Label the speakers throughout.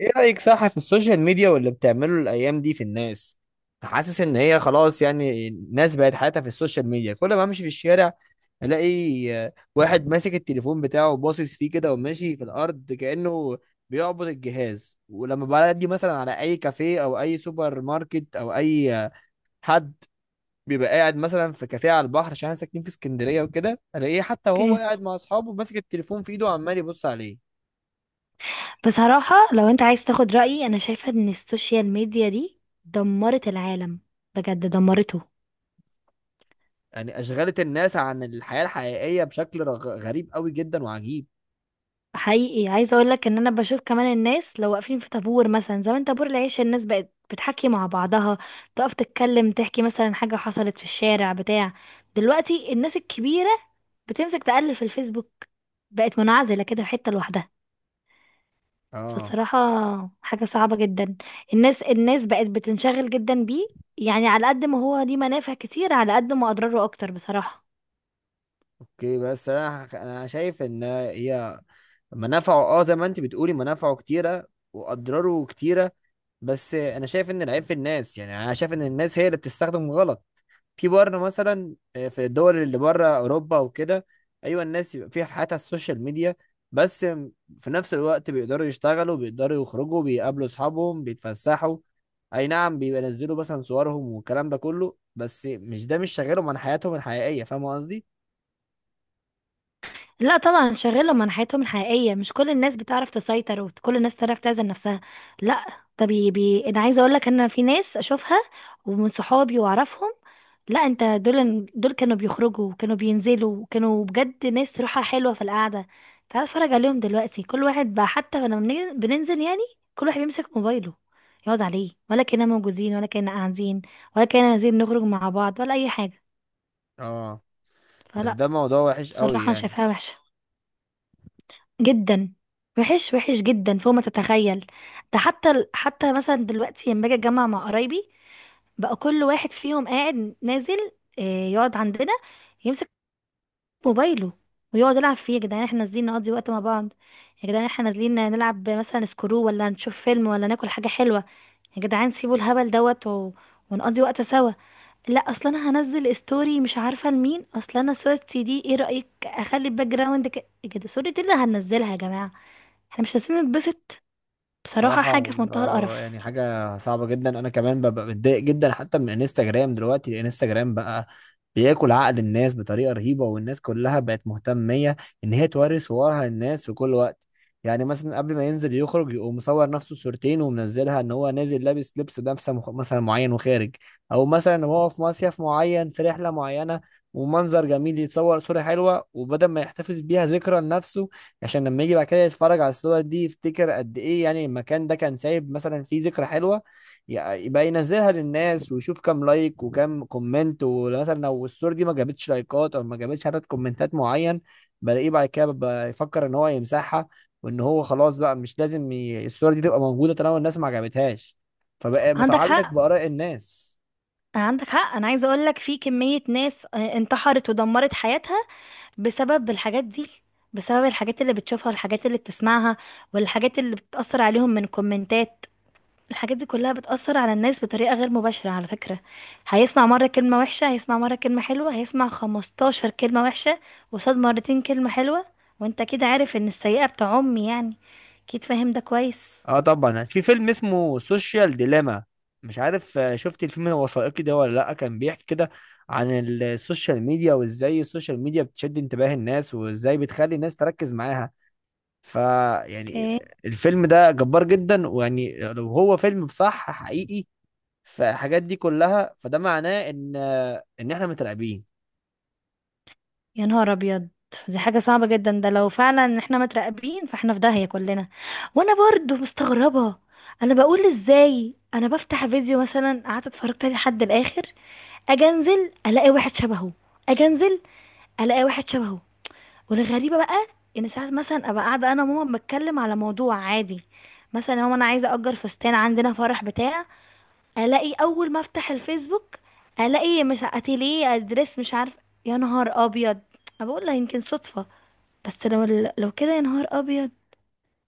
Speaker 1: ايه رأيك؟ صح، في السوشيال ميديا واللي بتعمله الايام دي في الناس. حاسس ان هي خلاص، يعني الناس بقت حياتها في السوشيال ميديا. كل ما امشي في الشارع الاقي واحد ماسك التليفون بتاعه باصص فيه كده وماشي في الارض كأنه بيعبد الجهاز. ولما بعدي مثلا على اي كافيه او اي سوبر ماركت او اي حد بيبقى قاعد مثلا في كافيه على البحر، عشان احنا ساكنين في اسكندرية وكده، الاقيه حتى وهو
Speaker 2: اوكي.
Speaker 1: قاعد مع اصحابه ماسك التليفون في ايده وعمال يبص عليه.
Speaker 2: بصراحة لو انت عايز تاخد رأيي، انا شايفة ان السوشيال ميديا دي دمرت العالم. بجد دمرته.
Speaker 1: يعني أشغلت الناس عن الحياة الحقيقية بشكل غريب قوي جدا وعجيب.
Speaker 2: حقيقي عايزة اقولك ان انا بشوف كمان الناس لو واقفين في طابور مثلا، زمان طابور العيش الناس بقت بتحكي مع بعضها، تقف تتكلم تحكي مثلا حاجة حصلت في الشارع بتاع. دلوقتي الناس الكبيرة بتمسك تقلب في الفيسبوك، بقت منعزلة كده في حتة لوحدها.
Speaker 1: اه،
Speaker 2: بصراحة حاجة صعبة جدا. الناس بقت بتنشغل جدا بيه. يعني على قد ما هو ليه منافع كتير، على قد ما أضراره أكتر بصراحة.
Speaker 1: اوكي. بس انا انا شايف ان هي منافعه. اه زي ما انت بتقولي، منافعه كتيرة واضراره كتيرة. بس انا شايف ان العيب في الناس. يعني انا شايف ان الناس هي اللي بتستخدم غلط. في بره مثلا، في الدول اللي بره، اوروبا وكده، ايوه الناس يبقى فيها في حياتها السوشيال ميديا، بس في نفس الوقت بيقدروا يشتغلوا، بيقدروا يخرجوا، بيقابلوا اصحابهم، بيتفسحوا. اي نعم بيبقى ينزلوا مثلا صورهم والكلام ده كله، بس مش ده، مش شغالهم عن حياتهم الحقيقية. فاهم قصدي؟
Speaker 2: لا طبعا، شغالة من حياتهم الحقيقية. مش كل الناس بتعرف تسيطر، وكل الناس تعرف تعزل نفسها. لا. طب بي انا عايزة اقول لك ان في ناس اشوفها ومن صحابي واعرفهم. لا، انت دول كانوا بيخرجوا، وكانوا بينزلوا، وكانوا بجد ناس روحها حلوة في القعدة. تعال اتفرج عليهم دلوقتي. كل واحد بقى حتى لما بننزل يعني، كل واحد بيمسك موبايله يقعد عليه. ولا كنا موجودين، ولا كنا قاعدين، ولا كنا عايزين نخرج مع بعض، ولا اي حاجة.
Speaker 1: اه، بس
Speaker 2: فلا.
Speaker 1: ده موضوع وحش قوي
Speaker 2: بصراحة انا
Speaker 1: يعني.
Speaker 2: شايفاها وحشة جدا. وحش وحش جدا فوق ما تتخيل. ده حتى حتى مثلا دلوقتي، لما باجي اتجمع مع قرايبي، بقى كل واحد فيهم قاعد نازل، يقعد عندنا يمسك موبايله ويقعد يلعب فيه. يا جدعان احنا نازلين نقضي وقت مع بعض، يا جدعان احنا نازلين نلعب مثلا سكرو، ولا نشوف فيلم، ولا ناكل حاجة حلوة. يا جدعان سيبوا الهبل ونقضي وقت سوا. لا، اصلا انا هنزل ستوري، مش عارفة لمين اصلا، انا صورتي دي ايه رأيك اخلي الباك جراوند كده؟ صورتي اللي هنزلها يا جماعة؟ احنا مش عايزين نتبسط؟ بصراحة حاجة
Speaker 1: الصراحة
Speaker 2: في منتهى
Speaker 1: يعني
Speaker 2: القرف.
Speaker 1: حاجة صعبة جدا. أنا كمان ببقى متضايق جدا حتى من انستجرام. دلوقتي انستجرام بقى بياكل عقل الناس بطريقة رهيبة، والناس كلها بقت مهتمية إن هي توري صورها للناس في كل وقت. يعني مثلا قبل ما ينزل يخرج، يقوم مصور نفسه صورتين ومنزلها إن هو نازل لابس لبس لابسة مثلا معين وخارج، أو مثلا وهو في مصيف معين في رحلة معينة ومنظر جميل، يتصور صورة حلوة. وبدل ما يحتفظ بيها ذكرى لنفسه، عشان لما يجي بعد كده يتفرج على الصور دي يفتكر قد ايه يعني المكان ده كان سايب مثلا فيه ذكرى حلوة، يبقى ينزلها للناس ويشوف كام لايك وكام كومنت. ومثلا لو الصورة دي ما جابتش لايكات او ما جابتش عدد كومنتات معين، بلاقيه بعد كده بيبقى يفكر ان هو يمسحها، وان هو خلاص بقى مش لازم الصورة دي تبقى موجودة طالما الناس ما عجبتهاش. فبقى
Speaker 2: عندك
Speaker 1: متعلق
Speaker 2: حق.
Speaker 1: بآراء الناس.
Speaker 2: عندك حق، انا عايزة اقولك في كمية ناس انتحرت ودمرت حياتها بسبب الحاجات دي، بسبب الحاجات اللي بتشوفها، والحاجات اللي بتسمعها، والحاجات اللي بتأثر عليهم من كومنتات. الحاجات دي كلها بتأثر على الناس بطريقة غير مباشرة على فكرة. هيسمع مرة كلمة وحشة، هيسمع مرة كلمة حلوة، هيسمع خمستاشر كلمة وحشة وصاد مرتين كلمة حلوة، وانت كده عارف ان السيئة بتعم يعني. اكيد فاهم ده كويس.
Speaker 1: اه طبعا، في فيلم اسمه سوشيال ديليما، مش عارف شفت الفيلم الوثائقي ده ولا لا؟ كان بيحكي كده عن السوشيال ميديا وازاي السوشيال ميديا بتشد انتباه الناس، وازاي بتخلي الناس تركز معاها. فيعني
Speaker 2: اوكي.
Speaker 1: الفيلم ده جبار جدا. ويعني لو هو فيلم صح حقيقي فالحاجات دي كلها، فده معناه ان ان احنا متراقبين.
Speaker 2: يا نهار ابيض، دي حاجة صعبة جدا. ده لو فعلا احنا متراقبين فاحنا في داهية كلنا. وانا برضو مستغربة. انا بقول ازاي انا بفتح فيديو مثلا، قعدت اتفرجت عليه لحد الاخر، اجي انزل الاقي واحد شبهه، اجي انزل الاقي واحد شبهه. والغريبة بقى، ان ساعات مثلا ابقى قاعدة انا وماما بتكلم على موضوع عادي، مثلا يا ماما انا عايزة اجر فستان عندنا فرح بتاع، الاقي اول ما افتح الفيسبوك، الاقي مش اتيليه ادرس مش عارف. يا نهار ابيض! أنا بقول لها يمكن صدفة، بس لو كده، يا نهار ابيض.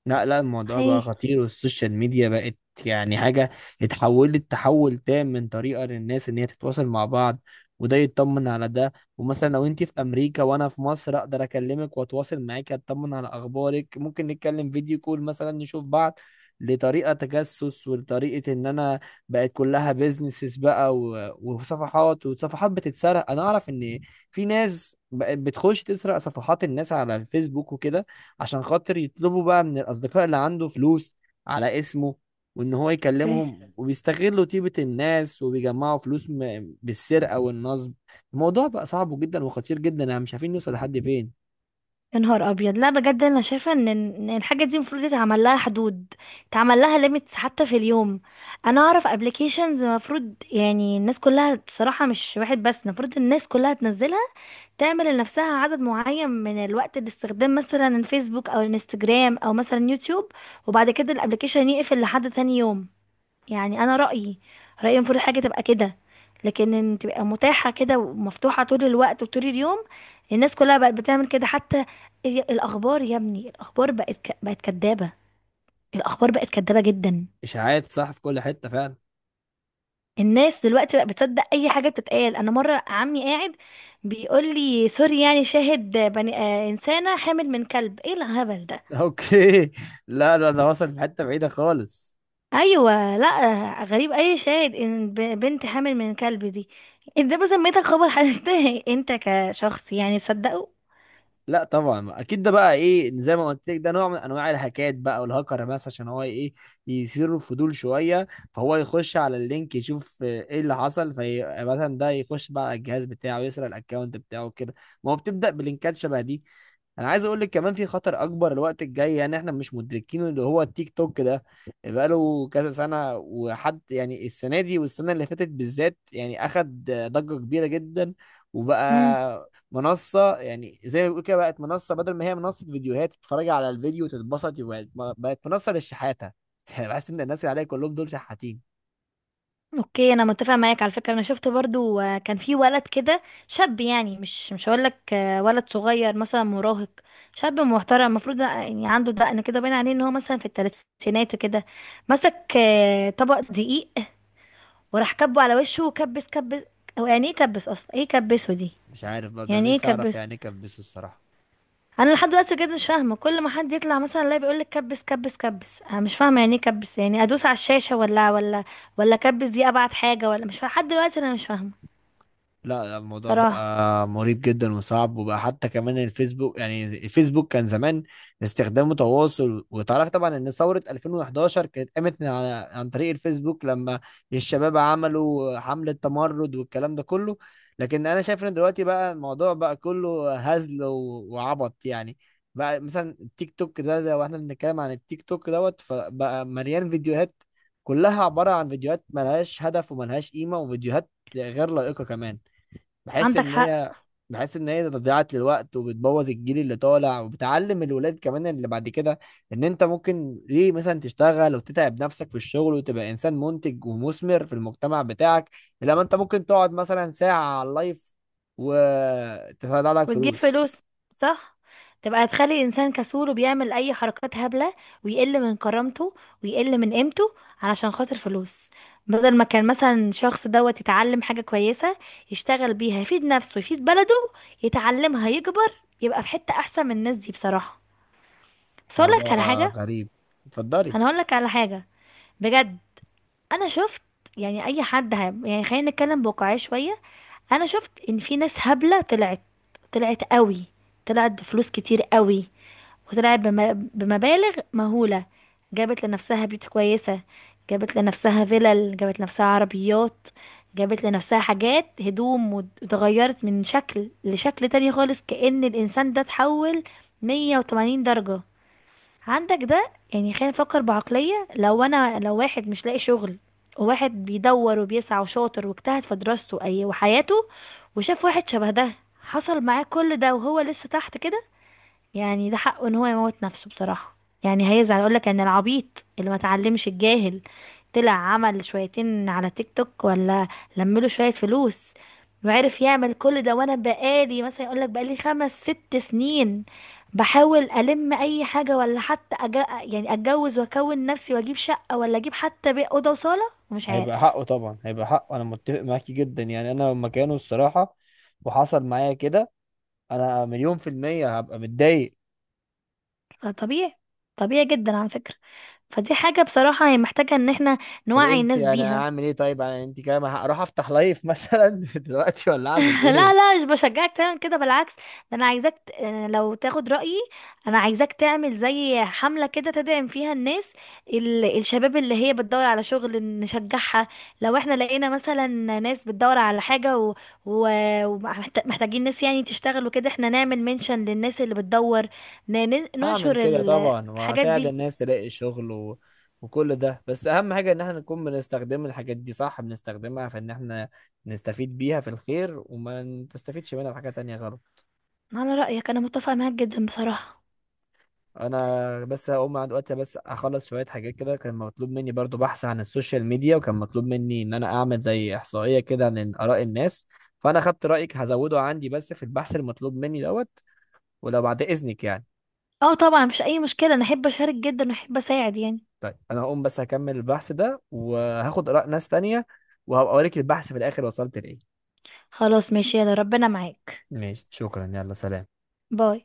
Speaker 1: لا لا، الموضوع
Speaker 2: هي.
Speaker 1: بقى خطير، والسوشيال ميديا بقت يعني حاجة اتحولت تحول تام من طريقة للناس ان هي تتواصل مع بعض، وده يطمن على ده، ومثلا لو انت في امريكا وانا في مصر اقدر اكلمك واتواصل معاك، اطمن على اخبارك، ممكن نتكلم فيديو كول مثلا نشوف بعض، لطريقة تجسس ولطريقة ان انا بقت كلها بيزنسز بقى وصفحات، وصفحات بتتسرق. انا اعرف ان في ناس بقت بتخش تسرق صفحات الناس على الفيسبوك وكده، عشان خاطر يطلبوا بقى من الأصدقاء اللي عنده فلوس على اسمه، وإن هو
Speaker 2: اوكي.
Speaker 1: يكلمهم، وبيستغلوا طيبة الناس وبيجمعوا فلوس بالسرقة والنصب. الموضوع بقى صعب جدا وخطير جدا، يعني مش عارفين نوصل لحد فين.
Speaker 2: يا نهار ابيض، لا بجد انا شايفه ان إن الحاجه دي المفروض يتعمل لها حدود، يتعمل لها ليميتس حتى في اليوم. انا اعرف ابلكيشنز المفروض يعني الناس كلها، الصراحه مش واحد بس، المفروض الناس كلها تنزلها، تعمل لنفسها عدد معين من الوقت لاستخدام مثلا الفيسبوك او الانستجرام او مثلا يوتيوب، وبعد كده الابلكيشن يقفل لحد تاني يوم. يعني انا رأيي المفروض الحاجة تبقى كده. لكن ان تبقى متاحة كده ومفتوحة طول الوقت وطول اليوم، الناس كلها بقت بتعمل كده. حتى الاخبار يا ابني، الاخبار بقت بقت كدابة. الاخبار بقت كدابة جدا.
Speaker 1: إشاعات، صح، في كل حتة فعلا.
Speaker 2: الناس دلوقتي بقت بتصدق اي حاجة بتتقال. انا مرة عمي قاعد بيقول لي سوري يعني شاهد بني آه انسانة حامل من كلب. ايه الهبل ده؟
Speaker 1: أوكي، لا لا، ده وصل في حتة بعيدة خالص.
Speaker 2: ايوه، لا غريب، اي شاهد ان بنت حامل من كلب دي؟ ده بسميتك خبر حدث انت كشخص يعني صدقه؟
Speaker 1: لا طبعا، ما اكيد ده بقى ايه زي ما قلت لك، ده نوع من انواع الهاكات بقى، والهاكر مثلا عشان هو ايه، يثير الفضول شويه، فهو يخش على اللينك يشوف ايه اللي حصل في مثلا ده، يخش بقى على الجهاز بتاعه، يسرق الاكونت بتاعه كده. ما هو بتبدا بلينكات شبه دي. انا عايز اقول لك كمان، في خطر اكبر الوقت الجاي يعني احنا مش مدركينه، اللي هو التيك توك ده. بقاله كذا سنه، وحد يعني السنه دي والسنه اللي فاتت بالذات يعني اخد ضجه كبيره جدا،
Speaker 2: امم.
Speaker 1: وبقى منصة. يعني زي ما بيقول كده، بقت منصة، بدل ما هي منصة فيديوهات تتفرج على الفيديو وتتبسط، بقت، بقت منصة للشحاتة. بحس ان الناس اللي عليها كلهم دول شحاتين.
Speaker 2: اوكي، انا متفق معاك على فكره. انا شفت برضو كان في ولد كده، شاب يعني، مش هقول لك ولد صغير مثلا مراهق، شاب محترم المفروض يعني عنده دقن كده، باين عليه ان هو مثلا في الثلاثينات كده، مسك طبق دقيق وراح كبه على وشه وكبس كبس. هو يعني ايه كبس اصلا؟ ايه كبسه دي؟
Speaker 1: مش عارف برضه، انا
Speaker 2: يعني ايه
Speaker 1: نفسي اعرف
Speaker 2: كبس؟
Speaker 1: يعني ايه كان بيسو الصراحة.
Speaker 2: انا لحد دلوقتي كده مش فاهمه. كل ما حد يطلع مثلا لا بيقول لك كبس كبس كبس، انا مش فاهمه يعني ايه كبس. يعني ادوس على الشاشه، ولا ولا كبس دي ابعت حاجه؟ ولا مش فاهمه لحد دلوقتي، انا مش فاهمه.
Speaker 1: لا الموضوع
Speaker 2: صراحه
Speaker 1: بقى مريب جدا وصعب. وبقى حتى كمان الفيسبوك، يعني الفيسبوك كان زمان استخدامه تواصل. وتعرف طبعا ان ثورة 2011 كانت قامت من على عن طريق الفيسبوك، لما الشباب عملوا حملة تمرد والكلام ده كله. لكن انا شايف ان دلوقتي بقى الموضوع بقى كله هزل وعبط يعني. بقى مثلا التيك توك ده، زي واحنا بنتكلم عن التيك توك دوت، فبقى مليان فيديوهات كلها عبارة عن فيديوهات ملهاش هدف وملهاش قيمة، وفيديوهات غير لائقة كمان. بحس
Speaker 2: عندك
Speaker 1: ان
Speaker 2: حق.
Speaker 1: هي بحس ان هي ضيعت للوقت، وبتبوظ الجيل اللي طالع، وبتعلم الولاد كمان اللي بعد كده ان انت ممكن ليه مثلا تشتغل وتتعب نفسك في الشغل وتبقى انسان منتج ومثمر في المجتمع بتاعك، لما انت ممكن تقعد مثلا ساعة على اللايف وتطلع لك
Speaker 2: وتجيب فلوس.
Speaker 1: فلوس.
Speaker 2: صح، تبقى تخلي الانسان كسول، وبيعمل اي حركات هبله، ويقل من كرامته، ويقل من قيمته علشان خاطر فلوس. بدل ما كان مثلا شخص يتعلم حاجه كويسه، يشتغل بيها، يفيد نفسه، يفيد بلده، يتعلمها، يكبر، يبقى في حته احسن من الناس دي بصراحه. بس اقول لك
Speaker 1: موضوع
Speaker 2: على حاجه.
Speaker 1: غريب. اتفضلي.
Speaker 2: انا هقول لك على حاجه، بجد. انا شفت يعني اي حد يعني خلينا نتكلم بواقعيه شويه. انا شفت ان في ناس هبله طلعت، طلعت قوي، طلعت بفلوس كتير قوي، وطلعت بمبالغ مهوله. جابت لنفسها بيوت كويسه، جابت لنفسها فلل، جابت لنفسها عربيات، جابت لنفسها حاجات هدوم، واتغيرت من شكل لشكل تاني خالص، كأن الإنسان ده اتحول 180 درجة. عندك ده. يعني خلينا نفكر بعقلية، لو انا، لو واحد مش لاقي شغل، وواحد بيدور وبيسعى وشاطر واجتهد في دراسته اي وحياته، وشاف واحد شبه ده حصل معاه كل ده وهو لسه تحت كده، يعني ده حقه ان هو يموت نفسه بصراحة. يعني هيزعل، يقول لك ان العبيط اللي ما اتعلمش، الجاهل، طلع عمل شويتين على تيك توك، ولا لمله شوية فلوس، وعرف يعمل كل ده، وانا بقالي مثلا يقول لك بقالي خمس ست سنين بحاول الم اي حاجة، ولا حتى يعني اتجوز واكون نفسي واجيب شقة، ولا اجيب حتى اوضة وصالة، ومش
Speaker 1: هيبقى
Speaker 2: عارف.
Speaker 1: حقه طبعا، هيبقى حقه، انا متفق معاكي جدا. يعني انا لو مكانه الصراحة وحصل معايا كده، انا مليون في المية هبقى متضايق.
Speaker 2: طبيعي. طبيعي جدا على فكرة. فدي حاجة بصراحة هي محتاجة ان احنا
Speaker 1: طب
Speaker 2: نوعي
Speaker 1: انت
Speaker 2: الناس
Speaker 1: انا
Speaker 2: بيها.
Speaker 1: اعمل ايه؟ طيب انا انت كده ما هروح افتح لايف مثلا دلوقتي؟ ولا اعمل
Speaker 2: لا
Speaker 1: ايه؟
Speaker 2: لا، مش بشجعك تعمل كده، بالعكس ده. انا عايزاك لو تاخد رأيي، انا عايزاك تعمل زي حملة كده، تدعم فيها الناس، الشباب اللي هي بتدور على شغل نشجعها. لو احنا لقينا مثلا ناس بتدور على حاجة و... ومحتاجين ناس يعني تشتغل وكده، احنا نعمل منشن للناس اللي بتدور،
Speaker 1: هعمل
Speaker 2: ننشر
Speaker 1: كده طبعا،
Speaker 2: الحاجات
Speaker 1: وهساعد
Speaker 2: دي.
Speaker 1: الناس تلاقي شغل و... وكل ده. بس اهم حاجة ان احنا نكون بنستخدم الحاجات دي صح، بنستخدمها في ان احنا نستفيد بيها في الخير، وما نستفيدش منها في حاجة تانية غلط.
Speaker 2: على رأيك، انا متفقة معاك جدا بصراحة.
Speaker 1: انا بس هقوم عند وقتي، بس اخلص شوية حاجات كده، كان مطلوب مني برضو بحث عن السوشيال ميديا، وكان مطلوب مني ان انا اعمل زي احصائية كده عن اراء الناس، فانا خدت رايك هزوده عندي بس في البحث المطلوب مني دوت. ولو بعد إذنك يعني.
Speaker 2: اه طبعا، مفيش اي مشكلة. انا احب اشارك جدا، واحب اساعد يعني.
Speaker 1: طيب أنا هقوم، بس هكمل البحث ده وهاخد آراء ناس تانية، وهبقى أوريك البحث في الآخر وصلت لإيه.
Speaker 2: خلاص ماشي، يلا ربنا معاك.
Speaker 1: ماشي، شكرا، يلا سلام.
Speaker 2: باي.